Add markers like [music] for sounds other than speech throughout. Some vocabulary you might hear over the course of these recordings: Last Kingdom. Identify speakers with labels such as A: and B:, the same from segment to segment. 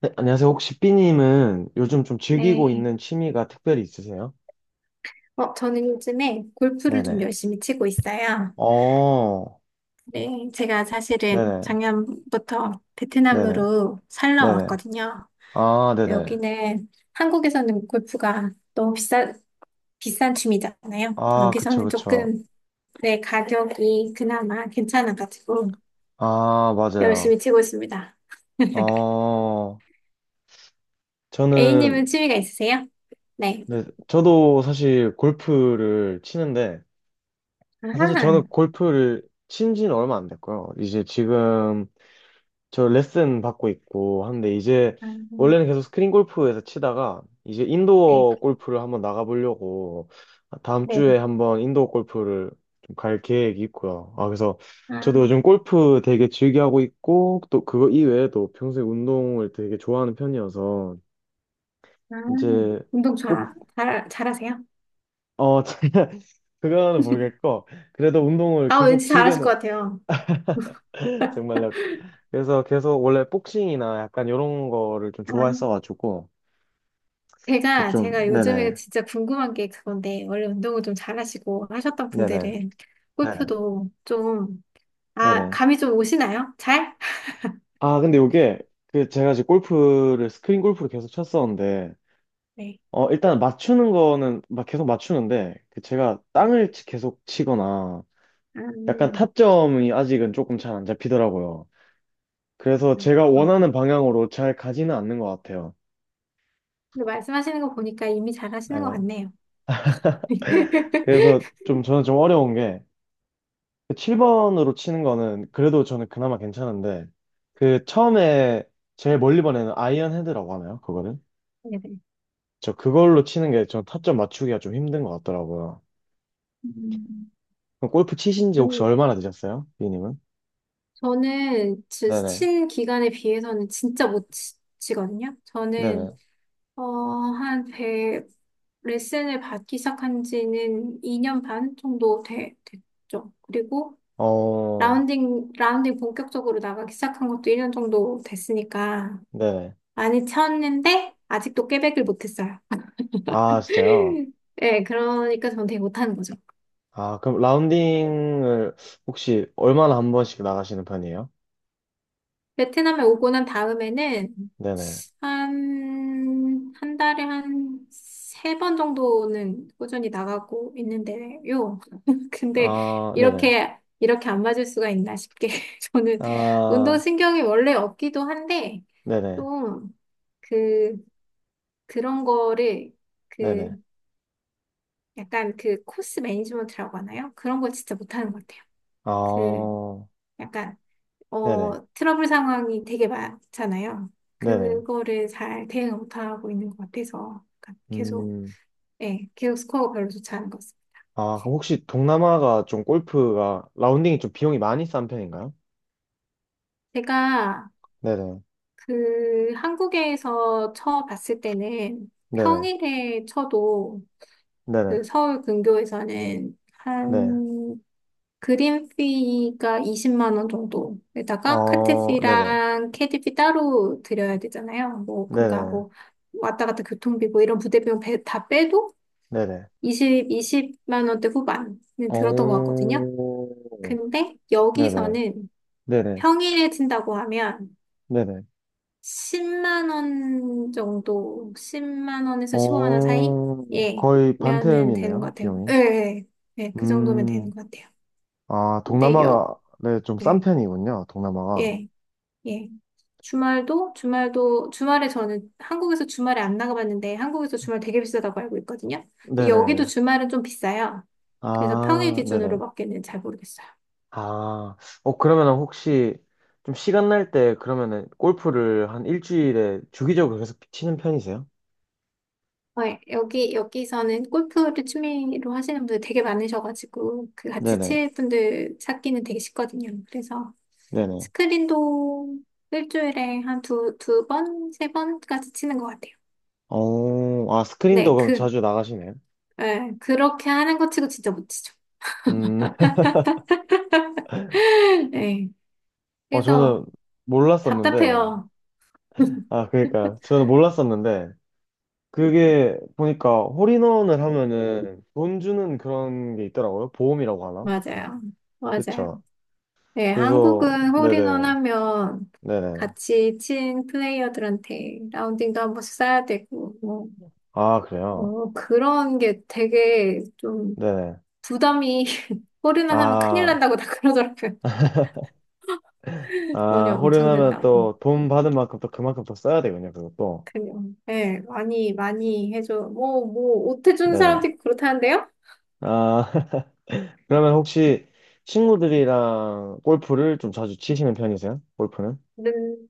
A: 네, 안녕하세요. 혹시 삐님은 요즘 좀 즐기고
B: 네.
A: 있는 취미가 특별히 있으세요?
B: 저는 요즘에 골프를 좀
A: 네네.
B: 열심히 치고 있어요.
A: 어,
B: 네. 제가 사실은
A: 네네.
B: 작년부터
A: 네네.
B: 베트남으로 살러
A: 네네.
B: 왔거든요.
A: 아, 네네.
B: 여기는 한국에서는 골프가 너무 비싼 취미잖아요.
A: 아, 그쵸,
B: 여기서는
A: 그쵸.
B: 조금, 네, 가격이 그나마 괜찮아가지고
A: 아, 맞아요.
B: 열심히 치고 있습니다. [laughs]
A: 어, 저는,
B: A님은 취미가 있으세요? 네.
A: 네, 저도 사실 골프를 치는데, 사실
B: 아하.
A: 저는 골프를 친 지는 얼마 안 됐고요. 이제 지금 저 레슨 받고 있고 하는데 이제
B: 아,
A: 원래는 계속 스크린 골프에서 치다가 이제
B: 네.
A: 인도어 골프를 한번 나가보려고 다음 주에
B: 네네.
A: 한번 인도어 골프를 좀 갈 계획이 있고요. 아, 그래서
B: 아,
A: 저도 요즘 골프 되게 즐겨하고 있고 또 그거 이외에도 평소에 운동을 되게 좋아하는 편이어서
B: 아,
A: 이제
B: 운동
A: 꼭,
B: 잘하세요?
A: 어, [laughs] 그거는
B: [laughs]
A: 모르겠고 그래도 운동을
B: 아,
A: 계속
B: 왠지 잘하실 것
A: 즐겨는
B: 같아요.
A: [laughs] 정말요. 그래서 계속 원래 복싱이나 약간 이런 거를 좀
B: 아,
A: 좋아했어가지고 좀,
B: 제가 요즘에
A: 네네,
B: 진짜 궁금한 게 그건데, 원래 운동을 좀 잘하시고 하셨던
A: 네네.
B: 분들은
A: 네네,
B: 골프도 좀, 아,
A: 네네.
B: 감이 좀 오시나요? 잘?
A: 아, 근데 요게, 그, 제가 지금 골프를, 스크린 골프를 계속 쳤었는데,
B: 네.
A: 일단 맞추는 거는 막 계속 맞추는데, 그 제가
B: 네.
A: 땅을 계속 치거나,
B: 아,
A: 약간
B: 음,
A: 타점이 아직은 조금 잘 안 잡히더라고요. 그래서
B: 음,
A: 제가
B: 음.
A: 원하는 방향으로 잘 가지는 않는 것 같아요.
B: 근데 말씀하시는 거 보니까 이미 잘하시는 것
A: 네.
B: 같네요.
A: 그래서
B: [laughs]
A: 좀, 저는 좀 어려운 게, 그 7번으로 치는 거는 그래도 저는 그나마 괜찮은데, 그 처음에 제일 멀리 보내는 아이언 헤드라고 하나요? 그거를?
B: 네네.
A: 저 그걸로 치는 게 저 타점 맞추기가 좀 힘든 것 같더라고요.
B: 음,
A: 그럼 골프 치신 지
B: 그,
A: 혹시 얼마나 되셨어요? 비님은?
B: 저는
A: 네네.
B: 친 기간에 비해서는 진짜 못 치거든요. 저는
A: 네네.
B: 한1 레슨을 받기 시작한 지는 2년 반 정도 됐죠. 그리고
A: 어,
B: 라운딩 본격적으로 나가기 시작한 것도 1년 정도 됐으니까
A: 네네.
B: 많이 쳤는데 아직도 깨백을 못했어요.
A: 아, 진짜요?
B: [laughs] 네, 그러니까 전 되게 못하는 거죠.
A: 아, 그럼 라운딩을 혹시 얼마나 한 번씩 나가시는 편이에요?
B: 베트남에 오고 난 다음에는
A: 네네.
B: 한 달에 한 세 번 정도는 꾸준히 나가고 있는데요. [laughs] 근데
A: 아, 네네.
B: 이렇게 안 맞을 수가 있나 싶게. [laughs] 저는
A: 아,
B: 운동신경이 원래 없기도 한데,
A: 네네.
B: 좀, 그, 그런 거를,
A: 네네.
B: 그, 약간 그 코스 매니지먼트라고 하나요? 그런 거 진짜 못하는 것 같아요. 그,
A: 아,
B: 약간,
A: 네네.
B: 트러블 상황이 되게 많잖아요.
A: 네네.
B: 그거를 잘 대응 못하고 있는 것 같아서. 약간 계속
A: 음,
B: 네, 기억 스코어가 별로 좋지 않은 것 같습니다.
A: 아, 그럼 혹시 동남아가 좀 골프가 라운딩이 좀 비용이 많이 싼 편인가요?
B: 제가
A: 네네.
B: 그 한국에서 쳐 봤을 때는
A: 네네.
B: 평일에 쳐도
A: 네네.
B: 그 서울 근교에서는
A: 네.
B: 한 그린 피가 20만 원 정도에다가 카트
A: 어, 네네.
B: 피랑 캐디 피 따로 드려야 되잖아요. 뭐 그러니까
A: 네네.
B: 뭐 왔다 갔다 교통비 뭐 이런 부대비용 다 빼도
A: 네네.
B: 20만 원대 후반은 들었던 것 같거든요.
A: 어,
B: 근데
A: 네네.
B: 여기서는
A: 네네.
B: 평일에 친다고 하면
A: 네네.
B: 10만 원 정도, 10만 원에서 15만 원 사이?
A: 어,
B: 예,
A: 거의
B: 면은 되는 것
A: 반태음이네요,
B: 같아요. 예,
A: 비용이.
B: 예, 예, 예, 그 정도면 되는
A: 음,
B: 것 같아요.
A: 아,
B: 근데 여,
A: 동남아가, 네, 좀 싼
B: 예,
A: 편이군요, 동남아가.
B: 예, 예. 주말에 저는 한국에서 주말에 안 나가봤는데 한국에서 주말 되게 비싸다고 알고 있거든요. 근데 여기도
A: 네네.
B: 주말은 좀 비싸요. 그래서 평일
A: 아, 네네.
B: 기준으로 먹기는 잘 모르겠어요.
A: 아, 어, 그러면은 혹시 좀 시간 날 때 그러면은 골프를 한 일주일에 주기적으로 계속 치는 편이세요?
B: 어, 여기서는 골프를 취미로 하시는 분들 되게 많으셔가지고, 그 같이
A: 네네.
B: 칠 분들 찾기는 되게 쉽거든요. 그래서
A: 네네.
B: 스크린도 일주일에 한 두 번, 세 번까지 치는 것 같아요.
A: 어, 아, 스크린도
B: 네,
A: 그럼
B: 그,
A: 자주 나가시네요.
B: 예, 그렇게 하는 것 치고 진짜 못 치죠.
A: 음.
B: [laughs] 네,
A: 어, 저는
B: 그래서
A: 몰랐었는데,
B: 답답해요. [laughs]
A: 아, 그러니까, 저는 몰랐었는데, 그게 보니까 홀인원을 하면은 돈 주는 그런 게 있더라고요. 보험이라고 하나?
B: 맞아요. 맞아요.
A: 그쵸.
B: 네,
A: 그래서,
B: 한국은
A: 네네,
B: 홀인원 하면
A: 네네.
B: 같이 친 플레이어들한테 라운딩도 한 번씩 쏴야 되고, 뭐
A: 아, 그래요?
B: 그런 게 되게 좀
A: 네네.
B: 부담이 [laughs] 홀이나 하면 큰일
A: 아,
B: 난다고 다 그러더라고요. [laughs] 돈이
A: 아,
B: 엄청
A: 홀인하면
B: 든다고.
A: 또 돈 받은 만큼 또 그만큼 더 써야 되군요, 그것도.
B: 그냥, 예, 많이, 많이 해줘. 뭐, 옷 해주는
A: 네네.
B: 사람도 있고 그렇다는데요?
A: 아, [laughs] 그러면 혹시 친구들이랑 골프를 좀 자주 치시는 편이세요? 골프는?
B: 는,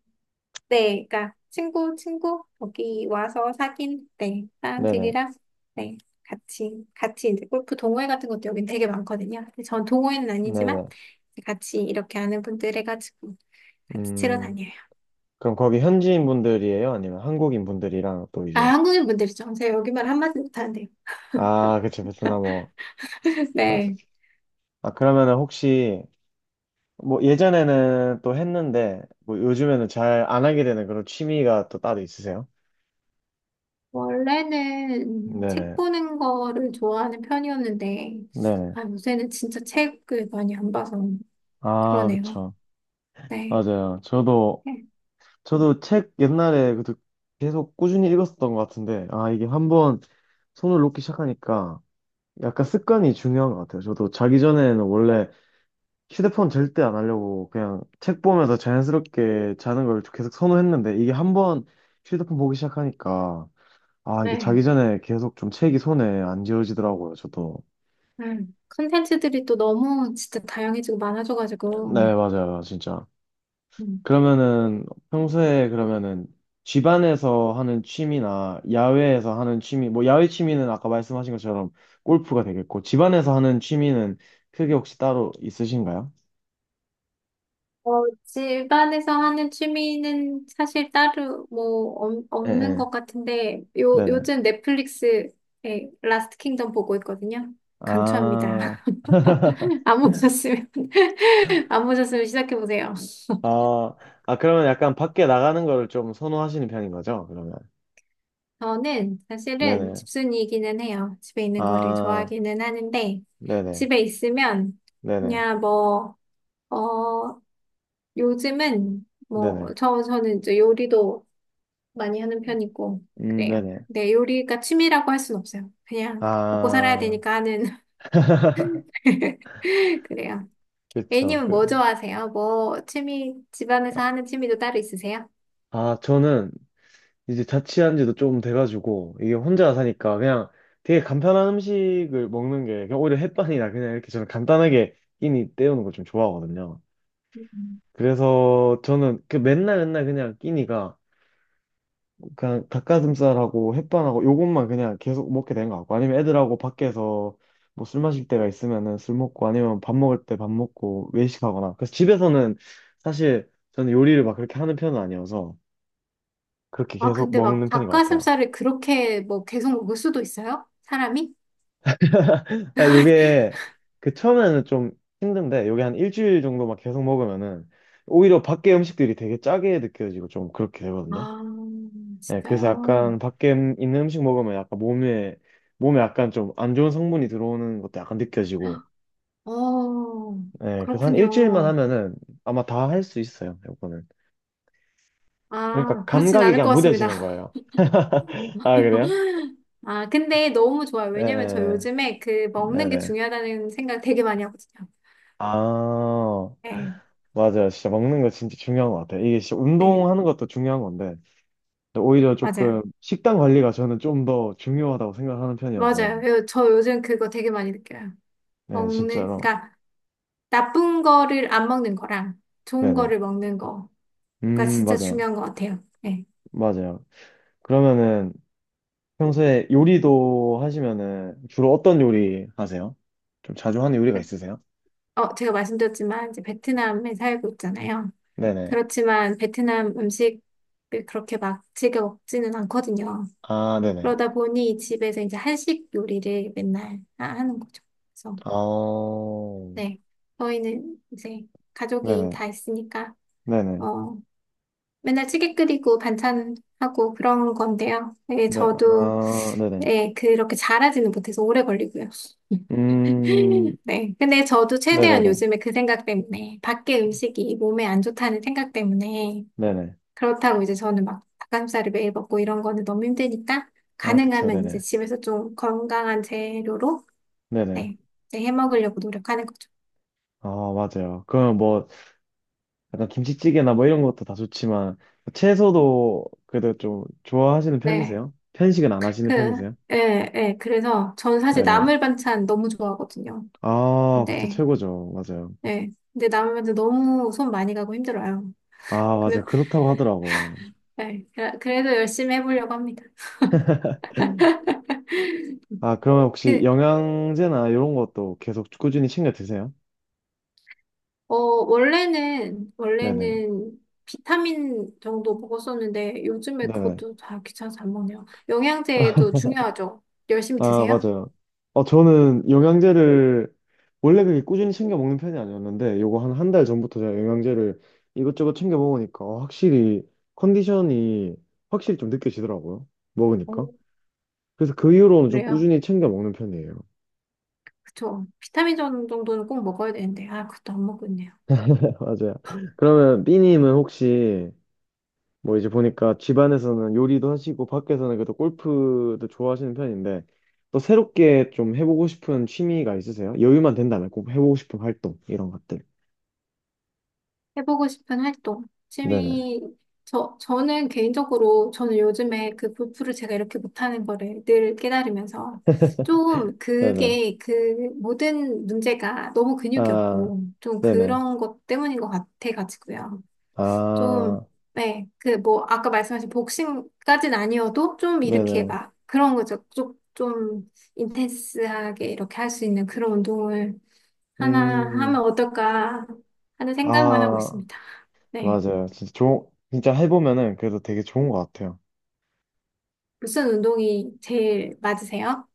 B: 네, 그러니까, 친구, 여기 와서 사귄, 네,
A: 네네,
B: 사람들이랑, 네, 같이 이제 골프 동호회 같은 것도 여긴 되게 많거든요. 근데 전 동호회는 아니지만,
A: 네네.
B: 같이 이렇게 하는 분들 해가지고, 같이 치러
A: 음.
B: 다녀요.
A: 그럼 거기 현지인 분들이에요? 아니면 한국인 분들이랑 또
B: 아,
A: 이제
B: 한국인 분들이죠. 제가 여기만 한마디 못하는데.
A: 아, 그쵸, 베트남어
B: [laughs]
A: 맞아.
B: 네.
A: 아, 그러면은 혹시 뭐 예전에는 또 했는데 뭐 요즘에는 잘 안 하게 되는 그런 취미가 또 따로 있으세요?
B: 원래는 책
A: 네네.
B: 보는 거를 좋아하는 편이었는데,
A: 네네.
B: 아, 요새는 진짜 책을 많이 안 봐서
A: 아,
B: 그러네요.
A: 그쵸.
B: 네.
A: 맞아요, 저도.
B: 네.
A: 저도 책 옛날에 그래도 계속 꾸준히 읽었었던 것 같은데, 아, 이게 한번 손을 놓기 시작하니까 약간 습관이 중요한 것 같아요. 저도 자기 전에는 원래 휴대폰 절대 안 하려고 그냥 책 보면서 자연스럽게 자는 걸 계속 선호했는데 이게 한번 휴대폰 보기 시작하니까, 아, 이게 자기
B: 네.
A: 전에 계속 좀 책이 손에 안 지워지더라고요, 저도.
B: 네. 컨텐츠들이 또 너무 진짜 다양해지고 많아져가지고,
A: 네, 맞아요, 진짜.
B: 음.
A: 그러면은 평소에 그러면은 집안에서 하는 취미나 야외에서 하는 취미, 뭐 야외 취미는 아까 말씀하신 것처럼 골프가 되겠고, 집안에서 하는 취미는 크게 혹시 따로 있으신가요?
B: 어, 집안에서 하는 취미는 사실 따로 뭐
A: 예,
B: 없는
A: 예.
B: 것 같은데,
A: 네네.
B: 요즘 넷플릭스에 라스트 킹덤 보고 있거든요. 강추합니다.
A: 아. [laughs]
B: [laughs] 안 보셨으면, [laughs] 안 보셨으면 시작해보세요.
A: 아, 아, 그러면 약간 밖에 나가는 거를 좀 선호하시는 편인 거죠, 그러면?
B: 저는 사실은
A: 네네.
B: 집순이이기는 해요. 집에 있는 거를
A: 아,
B: 좋아하기는 하는데,
A: 네네.
B: 집에 있으면
A: 네네.
B: 그냥 뭐, 어, 요즘은 뭐,
A: 네네.
B: 저는 이제 요리도 많이 하는 편이고, 그래요.
A: 네네.
B: 네, 요리가 취미라고 할 순 없어요. 그냥 먹고 살아야
A: 아,
B: 되니까 하는,
A: [laughs]
B: [laughs] 그래요.
A: 그쵸.
B: A님은
A: 그,
B: 뭐 좋아하세요? 뭐, 취미, 집안에서 하는 취미도 따로 있으세요?
A: 아, 저는 이제 자취한 지도 좀 돼가지고, 이게 혼자 사니까 그냥 되게 간편한 음식을 먹는 게, 그냥 오히려 햇반이나 그냥 이렇게 저는 간단하게 끼니 때우는 걸 좀 좋아하거든요.
B: 음.
A: 그래서 저는 그 맨날 맨날 그냥 끼니가 그냥 닭가슴살하고 햇반하고 요것만 그냥 계속 먹게 되는 것 같고, 아니면 애들하고 밖에서 뭐 술 마실 때가 있으면은 술 먹고, 아니면 밥 먹을 때 밥 먹고 외식하거나. 그래서 집에서는 사실 저는 요리를 막 그렇게 하는 편은 아니어서 그렇게
B: 아,
A: 계속
B: 근데 막
A: 먹는 편인 것 같아요.
B: 닭가슴살을 그렇게 뭐 계속 먹을 수도 있어요? 사람이?
A: [laughs] 아, 요게 그 처음에는 좀 힘든데, 요게 한 일주일 정도 막 계속 먹으면은 오히려 밖에 음식들이 되게 짜게 느껴지고 좀 그렇게 되거든요.
B: 아,
A: 예, 그래서
B: 진짜요?
A: 약간 밖에 있는 음식 먹으면 약간 몸에, 몸에 약간 좀 안 좋은 성분이 들어오는 것도 약간 느껴지고,
B: 어,
A: 예, 그래서 한 일주일만
B: 그렇군요.
A: 하면은 아마 다 할 수 있어요, 요거는. 그러니까
B: 아, 그렇진
A: 감각이
B: 않을
A: 그냥
B: 것 같습니다.
A: 무뎌지는
B: [laughs]
A: 거예요. [laughs] 아, 그래요?
B: 아, 근데 너무 좋아요.
A: 예, 예,
B: 왜냐면 저
A: 예.
B: 요즘에 그 먹는 게
A: 네네.
B: 중요하다는 생각 되게 많이 하거든요.
A: 아,
B: 네,
A: 맞아요. 진짜 먹는 거 진짜 중요한 것 같아요. 이게 진짜
B: 네,
A: 운동하는 것도 중요한 건데, 오히려
B: 맞아요.
A: 조금 식단 관리가 저는 좀 더 중요하다고 생각하는 편이어서.
B: 맞아요. 저 요즘 그거 되게 많이 느껴요.
A: 네,
B: 먹는,
A: 진짜로.
B: 그러니까 나쁜 거를 안 먹는 거랑 좋은
A: 네네.
B: 거를 먹는 거가 진짜
A: 맞아요.
B: 중요한 것 같아요. 네.
A: 맞아요. 그러면은 평소에 요리도 하시면은 주로 어떤 요리 하세요? 좀 자주 하는 요리가 있으세요?
B: 어, 제가 말씀드렸지만 이제 베트남에 살고 있잖아요.
A: 네네.
B: 그렇지만 베트남 음식을 그렇게 막 즐겨 먹지는 않거든요.
A: 아, 네네.
B: 그러다 보니 집에서 이제 한식 요리를 맨날 하는 거죠. 그래서,
A: 어,
B: 네. 저희는 이제 가족이
A: 네네.
B: 다 있으니까,
A: 네네.
B: 어, 맨날 찌개 끓이고 반찬하고 그런 건데요. 네,
A: 네,
B: 저도,
A: 아, 네네.
B: 네, 그렇게 잘하지는 못해서 오래 걸리고요.
A: 음,
B: [laughs] 네. 근데 저도 최대한
A: 네네네.
B: 요즘에 그 생각 때문에, 밖에 음식이 몸에 안 좋다는 생각 때문에,
A: 네네.
B: 그렇다고 이제 저는 막 닭가슴살을 매일 먹고 이런 거는 너무 힘드니까
A: 아, 그쵸,
B: 가능하면 이제
A: 네네.
B: 집에서 좀 건강한 재료로
A: 네네.
B: 네, 이제 해 먹으려고 노력하는 거죠.
A: 아, 맞아요. 그럼 뭐, 약간 김치찌개나 뭐 이런 것도 다 좋지만, 채소도 그래도 좀 좋아하시는
B: 네.
A: 편이세요? 편식은 안 하시는
B: 그,
A: 편이세요?
B: 예, 예. 그래서 저는 사실
A: 네네.
B: 나물 반찬 너무 좋아하거든요.
A: 아, 그쵸,
B: 근데,
A: 최고죠. 맞아요.
B: 예. 근데 나물 반찬 너무 손 많이 가고 힘들어요.
A: 아, 맞아요.
B: 그래,
A: 그렇다고 하더라고요.
B: 예. 그래도 열심히 해보려고 합니다.
A: 아, 그러면 혹시
B: 그,
A: 영양제나 이런 것도 계속 꾸준히 챙겨 드세요? 네네.
B: 원래는 비타민 정도 먹었었는데 요즘에
A: 네네.
B: 그것도 다 귀찮아서 안 먹네요. 영양제도 중요하죠. 열심히
A: 아,
B: 드세요.
A: 맞아요. 어, 저는 영양제를 원래 그렇게 꾸준히 챙겨 먹는 편이 아니었는데, 요거 한 한 달 전부터 제가 영양제를 이것저것 챙겨 먹으니까, 어, 확실히 컨디션이 확실히 좀 느껴지더라고요,
B: 어,
A: 먹으니까. 그래서 그 이후로는 좀
B: 그래요.
A: 꾸준히 챙겨 먹는 편이에요.
B: 그쵸. 비타민 정도는 꼭 먹어야 되는데, 아, 그것도 안 먹고 있네요.
A: [laughs] 맞아요. 그러면 B님은 혹시 뭐, 이제 보니까 집안에서는 요리도 하시고 밖에서는 그래도 골프도 좋아하시는 편인데, 또 새롭게 좀 해보고 싶은 취미가 있으세요? 여유만 된다면 꼭 해보고 싶은 활동, 이런 것들.
B: 해보고 싶은 활동.
A: 네네.
B: 취미, 저는 개인적으로, 저는 요즘에 그 골프를 제가 이렇게 못하는 거를 늘 깨달으면서, 좀
A: 네네.
B: 그게 그 모든 문제가 너무 근육이
A: 아,
B: 없고, 좀
A: 네네.
B: 그런 것 때문인 것 같아가지고요.
A: 아,
B: 좀, 네, 그 뭐, 아까 말씀하신 복싱까진 아니어도, 좀 이렇게
A: 네네.
B: 막, 그런 거죠. 인텐스하게 이렇게 할 수 있는 그런 운동을 하나 하면
A: 음,
B: 어떨까 하는 생각만 하고
A: 아,
B: 있습니다. 네.
A: 맞아요. 진짜 진짜 해보면은 그래도 되게 좋은 것 같아요.
B: 무슨 운동이 제일 맞으세요?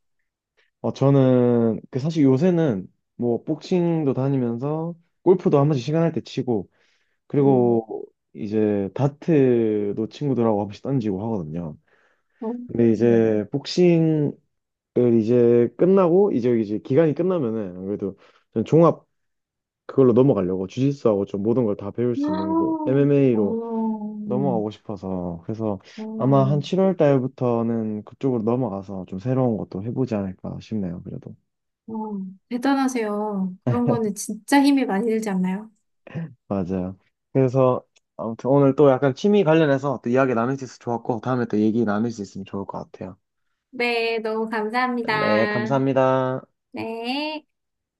A: 어, 저는 그 사실 요새는 뭐 복싱도 다니면서 골프도 한 번씩 시간 날 때 치고,
B: 음.
A: 그리고 이제 다트도 친구들하고 한 번씩 던지고 하거든요.
B: 어,
A: 근데 이제 복싱을 이제 끝나고 이제 기간이 끝나면은 아무래도 전 종합, 그걸로 넘어가려고 주짓수하고 좀 모든 걸 다 배울 수 있는 곳
B: 아,
A: MMA로
B: 어,
A: 넘어가고 싶어서. 그래서 아마
B: 어,
A: 한 7월 달부터는 그쪽으로 넘어가서 좀 새로운 것도 해보지 않을까 싶네요, 그래도.
B: 어. 대단하세요. 그런 거는 진짜 힘이 많이 들지 않나요?
A: 맞아요. 그래서 아무튼 오늘 또 약간 취미 관련해서 또 이야기 나눌 수 있어서 좋았고, 다음에 또 얘기 나눌 수 있으면 좋을 것 같아요.
B: 네, 너무
A: 네,
B: 감사합니다.
A: 감사합니다.
B: 네.